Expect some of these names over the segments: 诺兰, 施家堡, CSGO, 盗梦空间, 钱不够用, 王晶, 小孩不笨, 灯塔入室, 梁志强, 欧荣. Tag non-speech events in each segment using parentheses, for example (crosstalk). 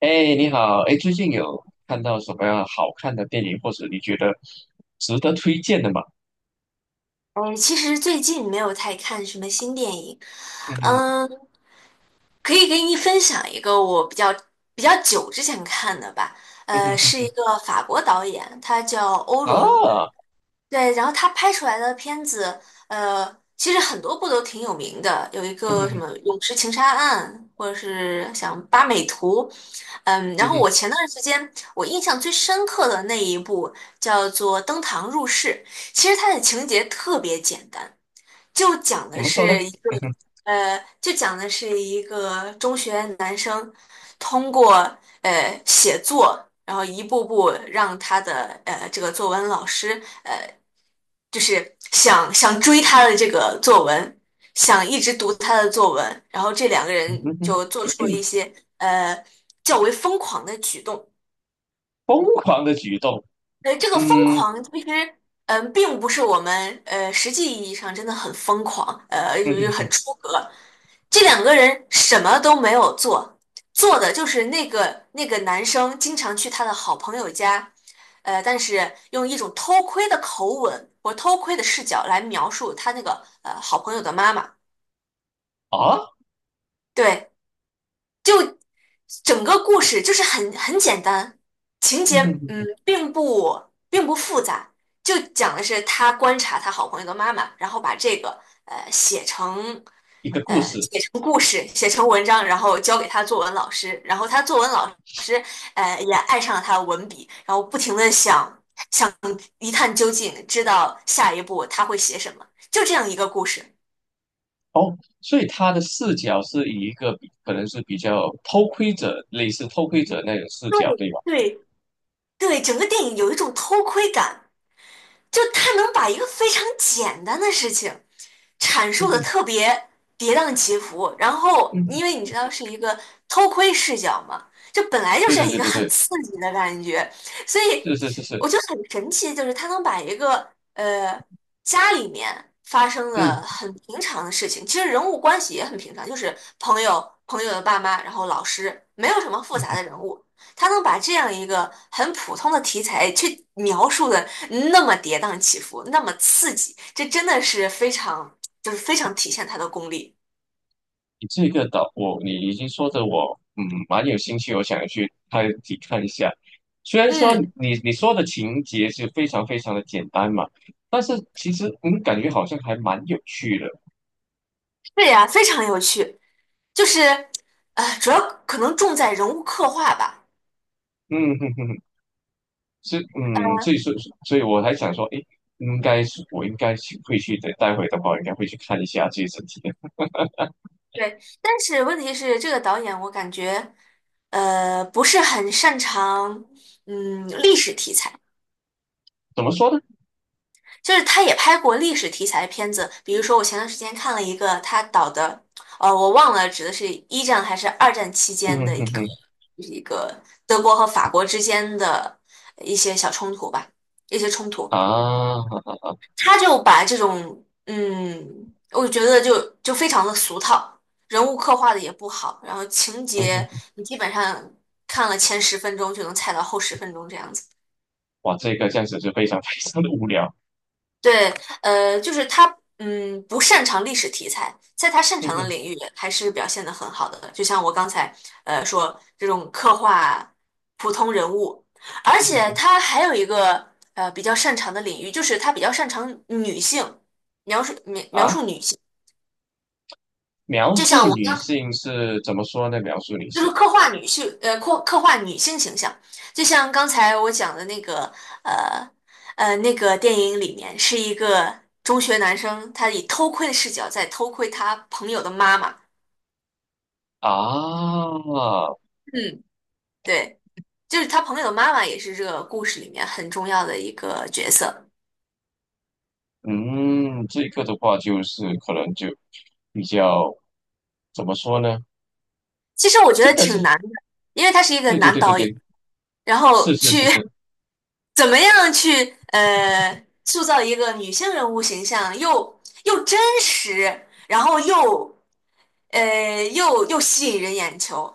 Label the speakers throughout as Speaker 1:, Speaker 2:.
Speaker 1: 你好，最近有看到什么样好看的电影，或者你觉得值得推荐的吗？
Speaker 2: 哎，其实最近没有太看什么新电影。
Speaker 1: 嗯哼。
Speaker 2: 嗯，可以给你分享一个我比较久之前看的吧。
Speaker 1: 嗯哼嗯
Speaker 2: 是一
Speaker 1: 哼。
Speaker 2: 个法国导演，他叫欧荣。
Speaker 1: 啊。
Speaker 2: 对，然后他拍出来的片子，呃，其实很多部都挺有名的，有一
Speaker 1: 嗯
Speaker 2: 个什
Speaker 1: 哼
Speaker 2: 么《泳池情杀案》，或者是像《八美图》。
Speaker 1: 嗯
Speaker 2: 然后
Speaker 1: 哼。
Speaker 2: 我前段时间我印象最深刻的那一部叫做《登堂入室》。其实它的情节特别简单，就讲
Speaker 1: 怎
Speaker 2: 的
Speaker 1: 么说呢？
Speaker 2: 是一个
Speaker 1: 嗯哼
Speaker 2: 中学男生通过写作，然后一步步让他的这个作文老师就是想追他的这个作文，想一直读他的作文。然后这两个
Speaker 1: 哼
Speaker 2: 人
Speaker 1: 哼嗯哼。
Speaker 2: 就做出了一些呃较为疯狂的举动。
Speaker 1: 疯狂的举动。
Speaker 2: 这个疯
Speaker 1: 嗯嗯
Speaker 2: 狂其实，并不是我们实际意义上真的很疯狂，就是
Speaker 1: 哼
Speaker 2: 很出格。这两个人什么都没有做，做的就是那个男生经常去他的好朋友家。但是用一种偷窥的口吻或偷窥的视角来描述他那个好朋友的妈妈。
Speaker 1: 啊。
Speaker 2: 对，就。整个故事就是很简单，情
Speaker 1: 嗯
Speaker 2: 节
Speaker 1: 哼嗯
Speaker 2: 嗯
Speaker 1: 哼。
Speaker 2: 并不并不复杂，就讲的是他观察他好朋友的妈妈，然后把这个呃写成
Speaker 1: 一个故事。
Speaker 2: 写成故事，写成文章，然后交给他作文老师，然后他作文老师也爱上了他的文笔，然后不停的想一探究竟，知道下一步他会写什么，就这样一个故事。
Speaker 1: 哦，所以他的视角是以一个可能是比较偷窥者，类似偷窥者那种视
Speaker 2: 对
Speaker 1: 角，对吧？
Speaker 2: 对对，整个电影有一种偷窥感。就他能把一个非常简单的事情阐
Speaker 1: 嗯
Speaker 2: 述的
Speaker 1: 哼。
Speaker 2: 特别跌宕起伏，然后
Speaker 1: 嗯
Speaker 2: 因为
Speaker 1: 哼，
Speaker 2: 你知道是一个偷窥视角嘛，就本来就
Speaker 1: 对
Speaker 2: 是
Speaker 1: 对
Speaker 2: 一
Speaker 1: 对
Speaker 2: 个
Speaker 1: 对
Speaker 2: 很
Speaker 1: 对，
Speaker 2: 刺激的感觉。所以
Speaker 1: 是是是是。
Speaker 2: 我觉得很神奇，就是他能把一个呃家里面发生的
Speaker 1: 嗯
Speaker 2: 很平常的事情，其实人物关系也很平常，就是朋友、朋友的爸妈，然后老师，没有什么复杂
Speaker 1: 嗯。
Speaker 2: 的人物，他能把这样一个很普通的题材去描述的那么跌宕起伏，那么刺激，这真的是非常，就是非常体现他的功力。
Speaker 1: 你这个岛，我已经说的我，嗯，蛮有兴趣，我想去看一下。虽然说
Speaker 2: 嗯，
Speaker 1: 你说的情节是非常非常的简单嘛，但是其实嗯，感觉好像还蛮有趣的。
Speaker 2: 是呀，非常有趣，就是，主要可能重在人物刻画吧。
Speaker 1: 嗯哼哼，哼，是嗯，
Speaker 2: 嗯，
Speaker 1: 所以说，所以我还想说，诶，应该去会去的，待会的话应该会去看一下这一整体的。
Speaker 2: 对，但是问题是，这个导演我感觉，不是很擅长，历史题材。
Speaker 1: 怎么说呢？
Speaker 2: 就是他也拍过历史题材的片子，比如说我前段时间看了一个他导的，我忘了指的是一战还是二战期
Speaker 1: 嗯
Speaker 2: 间的一
Speaker 1: 哼
Speaker 2: 个，
Speaker 1: 哼。
Speaker 2: 就是一个德国和法国之间的一些小冲突吧，一些冲突。
Speaker 1: 啊。
Speaker 2: 他就把这种，我觉得就非常的俗套，人物刻画的也不好，然后情
Speaker 1: 嗯
Speaker 2: 节
Speaker 1: 哼。
Speaker 2: 你基本上看了前10分钟就能猜到后10分钟这样子。
Speaker 1: 哇，这个这样子就非常 (laughs) 非常的无聊。
Speaker 2: 对，就是他，不擅长历史题材，在他擅
Speaker 1: 嗯
Speaker 2: 长的
Speaker 1: 哼。
Speaker 2: 领域还是表现的很好的。就像我刚才，说这种刻画普通人物，而且他还有一个比较擅长的领域，就是他比较擅长女性描述
Speaker 1: 啊。
Speaker 2: 女性。
Speaker 1: 描
Speaker 2: 就
Speaker 1: 述
Speaker 2: 像我
Speaker 1: 女性是怎么说呢？描述女
Speaker 2: 就
Speaker 1: 性
Speaker 2: 是刻画女性，刻画女性形象，就像刚才我讲的那个，呃，那个电影里面是一个中学男生，他以偷窥的视角在偷窥他朋友的妈妈。
Speaker 1: 啊。
Speaker 2: 嗯，对，就是他朋友的妈妈也是这个故事里面很重要的一个角色。
Speaker 1: 嗯，这个的话就是可能就比较怎么说呢？
Speaker 2: 其实我觉得
Speaker 1: 真的是。
Speaker 2: 挺难的，因为他是一个
Speaker 1: 对对
Speaker 2: 男
Speaker 1: 对对
Speaker 2: 导演，
Speaker 1: 对，
Speaker 2: 然后
Speaker 1: 是是是
Speaker 2: 去
Speaker 1: 是。
Speaker 2: (laughs) 怎么样去塑造一个女性人物形象，又真实，然后又吸引人眼球，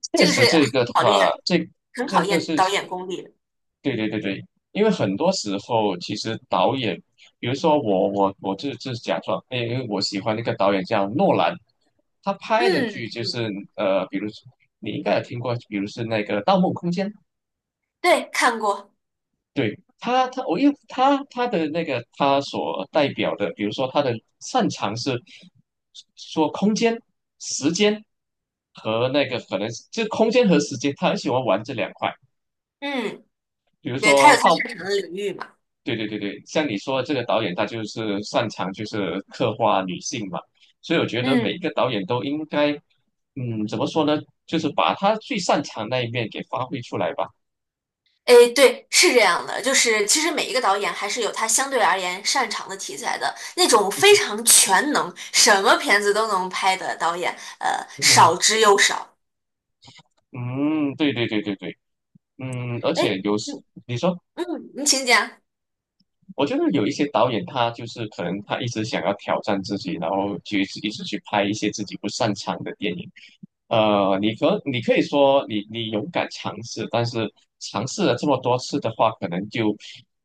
Speaker 1: 确
Speaker 2: 这个是
Speaker 1: 实这一
Speaker 2: 很
Speaker 1: 个的
Speaker 2: 考
Speaker 1: 话，
Speaker 2: 验
Speaker 1: 这
Speaker 2: 很考
Speaker 1: 这个
Speaker 2: 验
Speaker 1: 是，
Speaker 2: 导演功力的。
Speaker 1: 对对对对，因为很多时候其实导演，比如说我就假装，因为我喜欢那个导演叫诺兰，他拍的剧
Speaker 2: 嗯
Speaker 1: 就
Speaker 2: 嗯，
Speaker 1: 是呃，比如说你应该有听过，比如是那个《盗梦空间》。
Speaker 2: 对，看过，
Speaker 1: 对他，因为他的那个他所代表的，比如说他的擅长是说空间、时间和那个可能是就空间和时间，他很喜欢玩这两块。
Speaker 2: 嗯，
Speaker 1: 比如
Speaker 2: 对，他
Speaker 1: 说
Speaker 2: 有他
Speaker 1: 到，
Speaker 2: 擅长的领域嘛，
Speaker 1: 对对对对，像你说的这个导演，他就是擅长就是刻画女性嘛，所以我觉得每一
Speaker 2: 嗯。
Speaker 1: 个导演都应该，嗯，怎么说呢，就是把他最擅长那一面给发挥出来吧。
Speaker 2: 诶，对，是这样的，就是其实每一个导演还是有他相对而言擅长的题材的。那种非常全能，什么片子都能拍的导演，
Speaker 1: 嗯
Speaker 2: 少之又少。
Speaker 1: 嗯。对对对对对。嗯，而且
Speaker 2: 哎，
Speaker 1: 有时
Speaker 2: 嗯
Speaker 1: 你说。
Speaker 2: 嗯，你请讲。
Speaker 1: 我觉得有一些导演，他就是可能他一直想要挑战自己，然后就一直去拍一些自己不擅长的电影。呃，你可以说你勇敢尝试，但是尝试了这么多次的话，可能就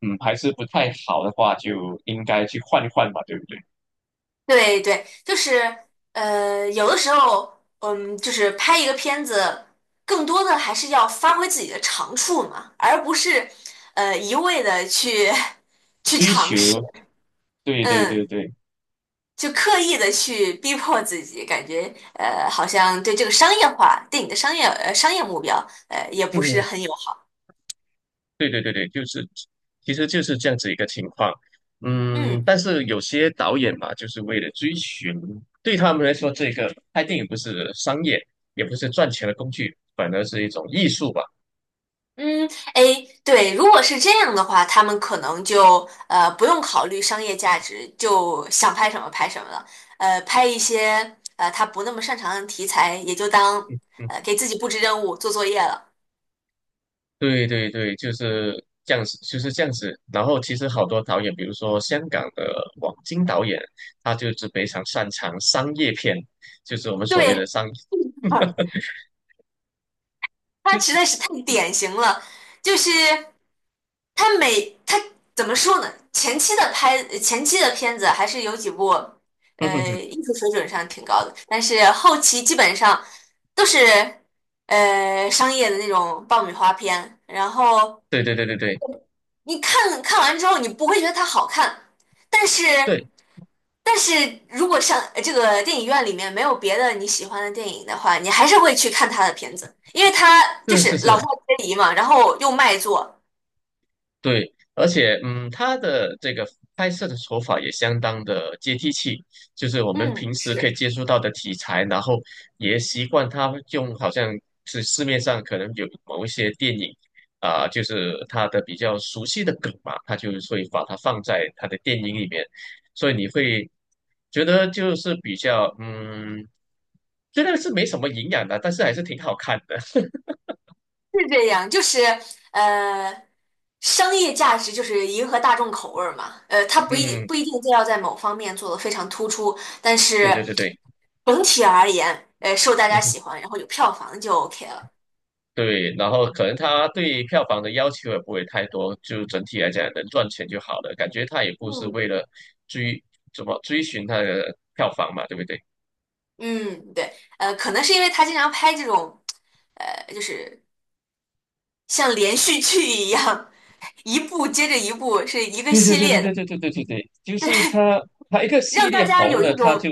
Speaker 1: 嗯还是不太好的话，就应该去换一换吧，对不对？
Speaker 2: 对对，就是有的时候，就是拍一个片子，更多的还是要发挥自己的长处嘛，而不是一味的去 (laughs) 去
Speaker 1: 追
Speaker 2: 尝
Speaker 1: 求，
Speaker 2: 试。
Speaker 1: 对对
Speaker 2: 嗯，
Speaker 1: 对对。
Speaker 2: 就刻意的去逼迫自己，感觉好像对这个商业化对你的商业商业目标也不是
Speaker 1: 嗯。
Speaker 2: 很友好。
Speaker 1: 对对对对，就是其实就是这样子一个情况。嗯，
Speaker 2: 嗯。
Speaker 1: 但是有些导演嘛，就是为了追寻，对他们来说，这个拍电影不是商业，也不是赚钱的工具，反而是一种艺术吧。
Speaker 2: 嗯，哎，对，如果是这样的话，他们可能就不用考虑商业价值，就想拍什么拍什么了。拍一些他不那么擅长的题材，也就当
Speaker 1: 嗯，
Speaker 2: 给自己布置任务、做作业了。
Speaker 1: 对对对，就是这样子，就是这样子。然后其实好多导演，比如说香港的王晶导演，他就是非常擅长商业片，就是我们所谓的
Speaker 2: 对，
Speaker 1: 商，
Speaker 2: (laughs)
Speaker 1: 就
Speaker 2: 他实在是太典型了，就是他怎么说呢？前期的片子还是有几部，
Speaker 1: (laughs) 嗯哼哼。
Speaker 2: 艺术水准上挺高的，但是后期基本上都是商业的那种爆米花片，然后
Speaker 1: 对对对对对
Speaker 2: 你看完之后，你不会觉得它好看。但是。
Speaker 1: 对，
Speaker 2: 但是如果像这个电影院里面没有别的你喜欢的电影的话，你还是会去看他的片子，因为他就
Speaker 1: 是是
Speaker 2: 是老少
Speaker 1: 是。
Speaker 2: 皆宜嘛，然后又卖座。
Speaker 1: 对，而且嗯，他的这个拍摄的手法也相当的接地气，就是我们
Speaker 2: 嗯，
Speaker 1: 平时可以
Speaker 2: 是
Speaker 1: 接触到的题材，然后也习惯他用好像是市面上可能有某一些电影啊、就是他的比较熟悉的梗嘛，他就会把它放在他的电影里面，所以你会觉得就是比较嗯，觉得是没什么营养的，但是还是挺好看的。
Speaker 2: 是这样，就是呃，商业价值就是迎合大众口味儿嘛。他
Speaker 1: (laughs)
Speaker 2: 不一定
Speaker 1: 嗯，
Speaker 2: 不一定就要在某方面做得非常突出，但
Speaker 1: 对
Speaker 2: 是
Speaker 1: 对对对。
Speaker 2: 整体而言，受大家
Speaker 1: 嗯
Speaker 2: 喜欢，然后有票房就 OK 了。
Speaker 1: 对，然后可能他对票房的要求也不会太多，就整体来讲能赚钱就好了。感觉他也不是
Speaker 2: 嗯
Speaker 1: 为了追怎么追寻他的票房嘛，对不对？
Speaker 2: 嗯，对，可能是因为他经常拍这种，呃，就是像连续剧一样，一部接着一部，是一个
Speaker 1: 对对
Speaker 2: 系
Speaker 1: 对对
Speaker 2: 列的，
Speaker 1: 对对对对对对，就是他他一个系
Speaker 2: 让大
Speaker 1: 列
Speaker 2: 家
Speaker 1: 红
Speaker 2: 有
Speaker 1: 了，
Speaker 2: 一
Speaker 1: 他
Speaker 2: 种
Speaker 1: 就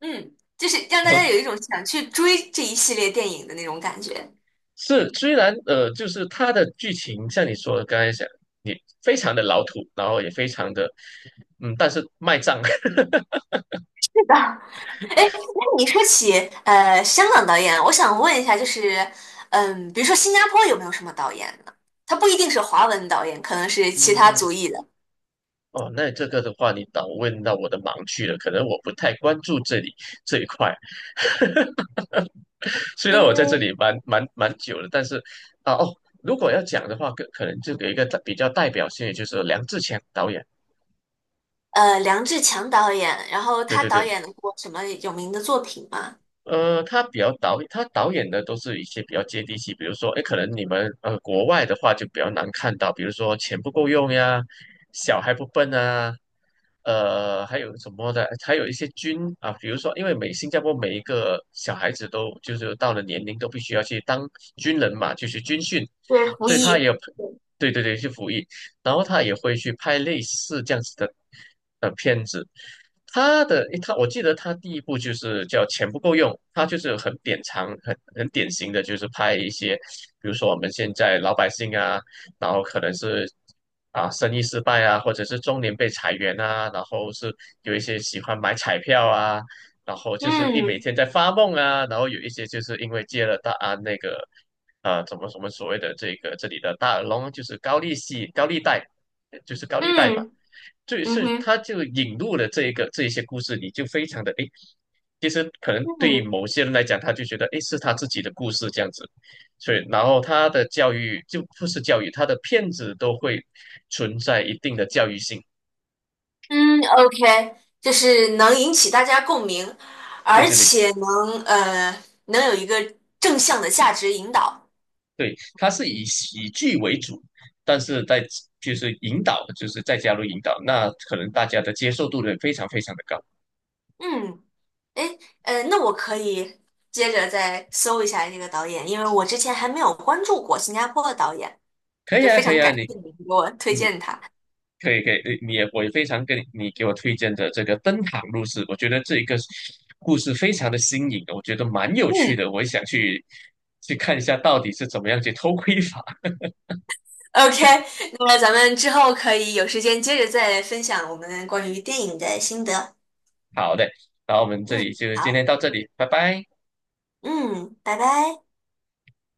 Speaker 2: 嗯，就是让大
Speaker 1: 呃
Speaker 2: 家有一种想去追这一系列电影的那种感觉。
Speaker 1: 是，虽然呃，就是他的剧情像你说的刚才讲，你非常的老土，然后也非常的嗯，但是卖账。
Speaker 2: 是的，哎，那你说起香港导演，我想问一下，就是比如说新加坡有没有什么导演呢？他不一定是华文导演，可能是
Speaker 1: (laughs)
Speaker 2: 其他
Speaker 1: 嗯。
Speaker 2: 族裔的。
Speaker 1: 哦，那这个的话，你倒问到我的盲区了。可能我不太关注这里这一块。(laughs) 虽然我在这
Speaker 2: 嗯，
Speaker 1: 里蛮久了，但是啊哦，如果要讲的话，可能就有一个比较代表性的，就是梁志强导演。
Speaker 2: 梁志强导演，然后
Speaker 1: 对
Speaker 2: 他
Speaker 1: 对
Speaker 2: 导
Speaker 1: 对，
Speaker 2: 演过什么有名的作品吗？
Speaker 1: 呃，他导演的都是一些比较接地气，比如说，哎，可能你们呃国外的话就比较难看到，比如说钱不够用呀，小孩不笨啊，呃，还有什么的，还有一些军啊，比如说，因为新加坡每一个小孩子都就是到了年龄都必须要去当军人嘛，就是军训，
Speaker 2: 对，胡
Speaker 1: 所以他也
Speaker 2: 一。
Speaker 1: 有，对对对，去服役。然后他也会去拍类似这样子的呃片子。他的他，我记得他第一部就是叫《钱不够用》，他就是很典藏、很典型的，就是拍一些，比如说我们现在老百姓啊，然后可能是啊生意失败啊，或者是中年被裁员啊，然后是有一些喜欢买彩票啊，然后就是一每
Speaker 2: 嗯
Speaker 1: 天在发梦啊，然后有一些就是因为接了大啊那个啊，怎么什么所谓的这个这里的大耳窿，就是高利息、高利贷，呃就是高利贷嘛。
Speaker 2: 嗯
Speaker 1: 就
Speaker 2: 嗯
Speaker 1: 是
Speaker 2: 哼。
Speaker 1: 他就引入了这一些故事，你就非常的诶，其实可能对于
Speaker 2: 嗯
Speaker 1: 某些人来讲，他就觉得诶是他自己的故事这样子，所以然后他的教育就不是教育，他的骗子都会存在一定的教育性。
Speaker 2: 嗯，OK，就是能引起大家共鸣，
Speaker 1: 对
Speaker 2: 而
Speaker 1: 对对
Speaker 2: 且能有一个正向的价值引导。
Speaker 1: 对，他是以喜剧为主，但是在就是引导，就是再加入引导，那可能大家的接受度呢非常非常的高。
Speaker 2: 嗯，诶，那我可以接着再搜一下这个导演，因为我之前还没有关注过新加坡的导演，
Speaker 1: 可以
Speaker 2: 就
Speaker 1: 啊，
Speaker 2: 非
Speaker 1: 可
Speaker 2: 常
Speaker 1: 以啊，
Speaker 2: 感
Speaker 1: 你
Speaker 2: 谢你给我推
Speaker 1: 嗯，
Speaker 2: 荐他。
Speaker 1: 可以可以，你你也我也非常跟你给我推荐的这个《灯塔入室》，我觉得这一个故事非常的新颖，我觉得蛮有趣
Speaker 2: 嗯
Speaker 1: 的，我也想去去看一下到底是怎么样去偷窥法。(laughs)
Speaker 2: ，OK，那么咱们之后可以有时间接着再分享我们关于电影的心得。
Speaker 1: 好的，那我们这里
Speaker 2: 嗯，
Speaker 1: 就今天
Speaker 2: 好，
Speaker 1: 到这里，拜拜。
Speaker 2: 嗯，拜拜。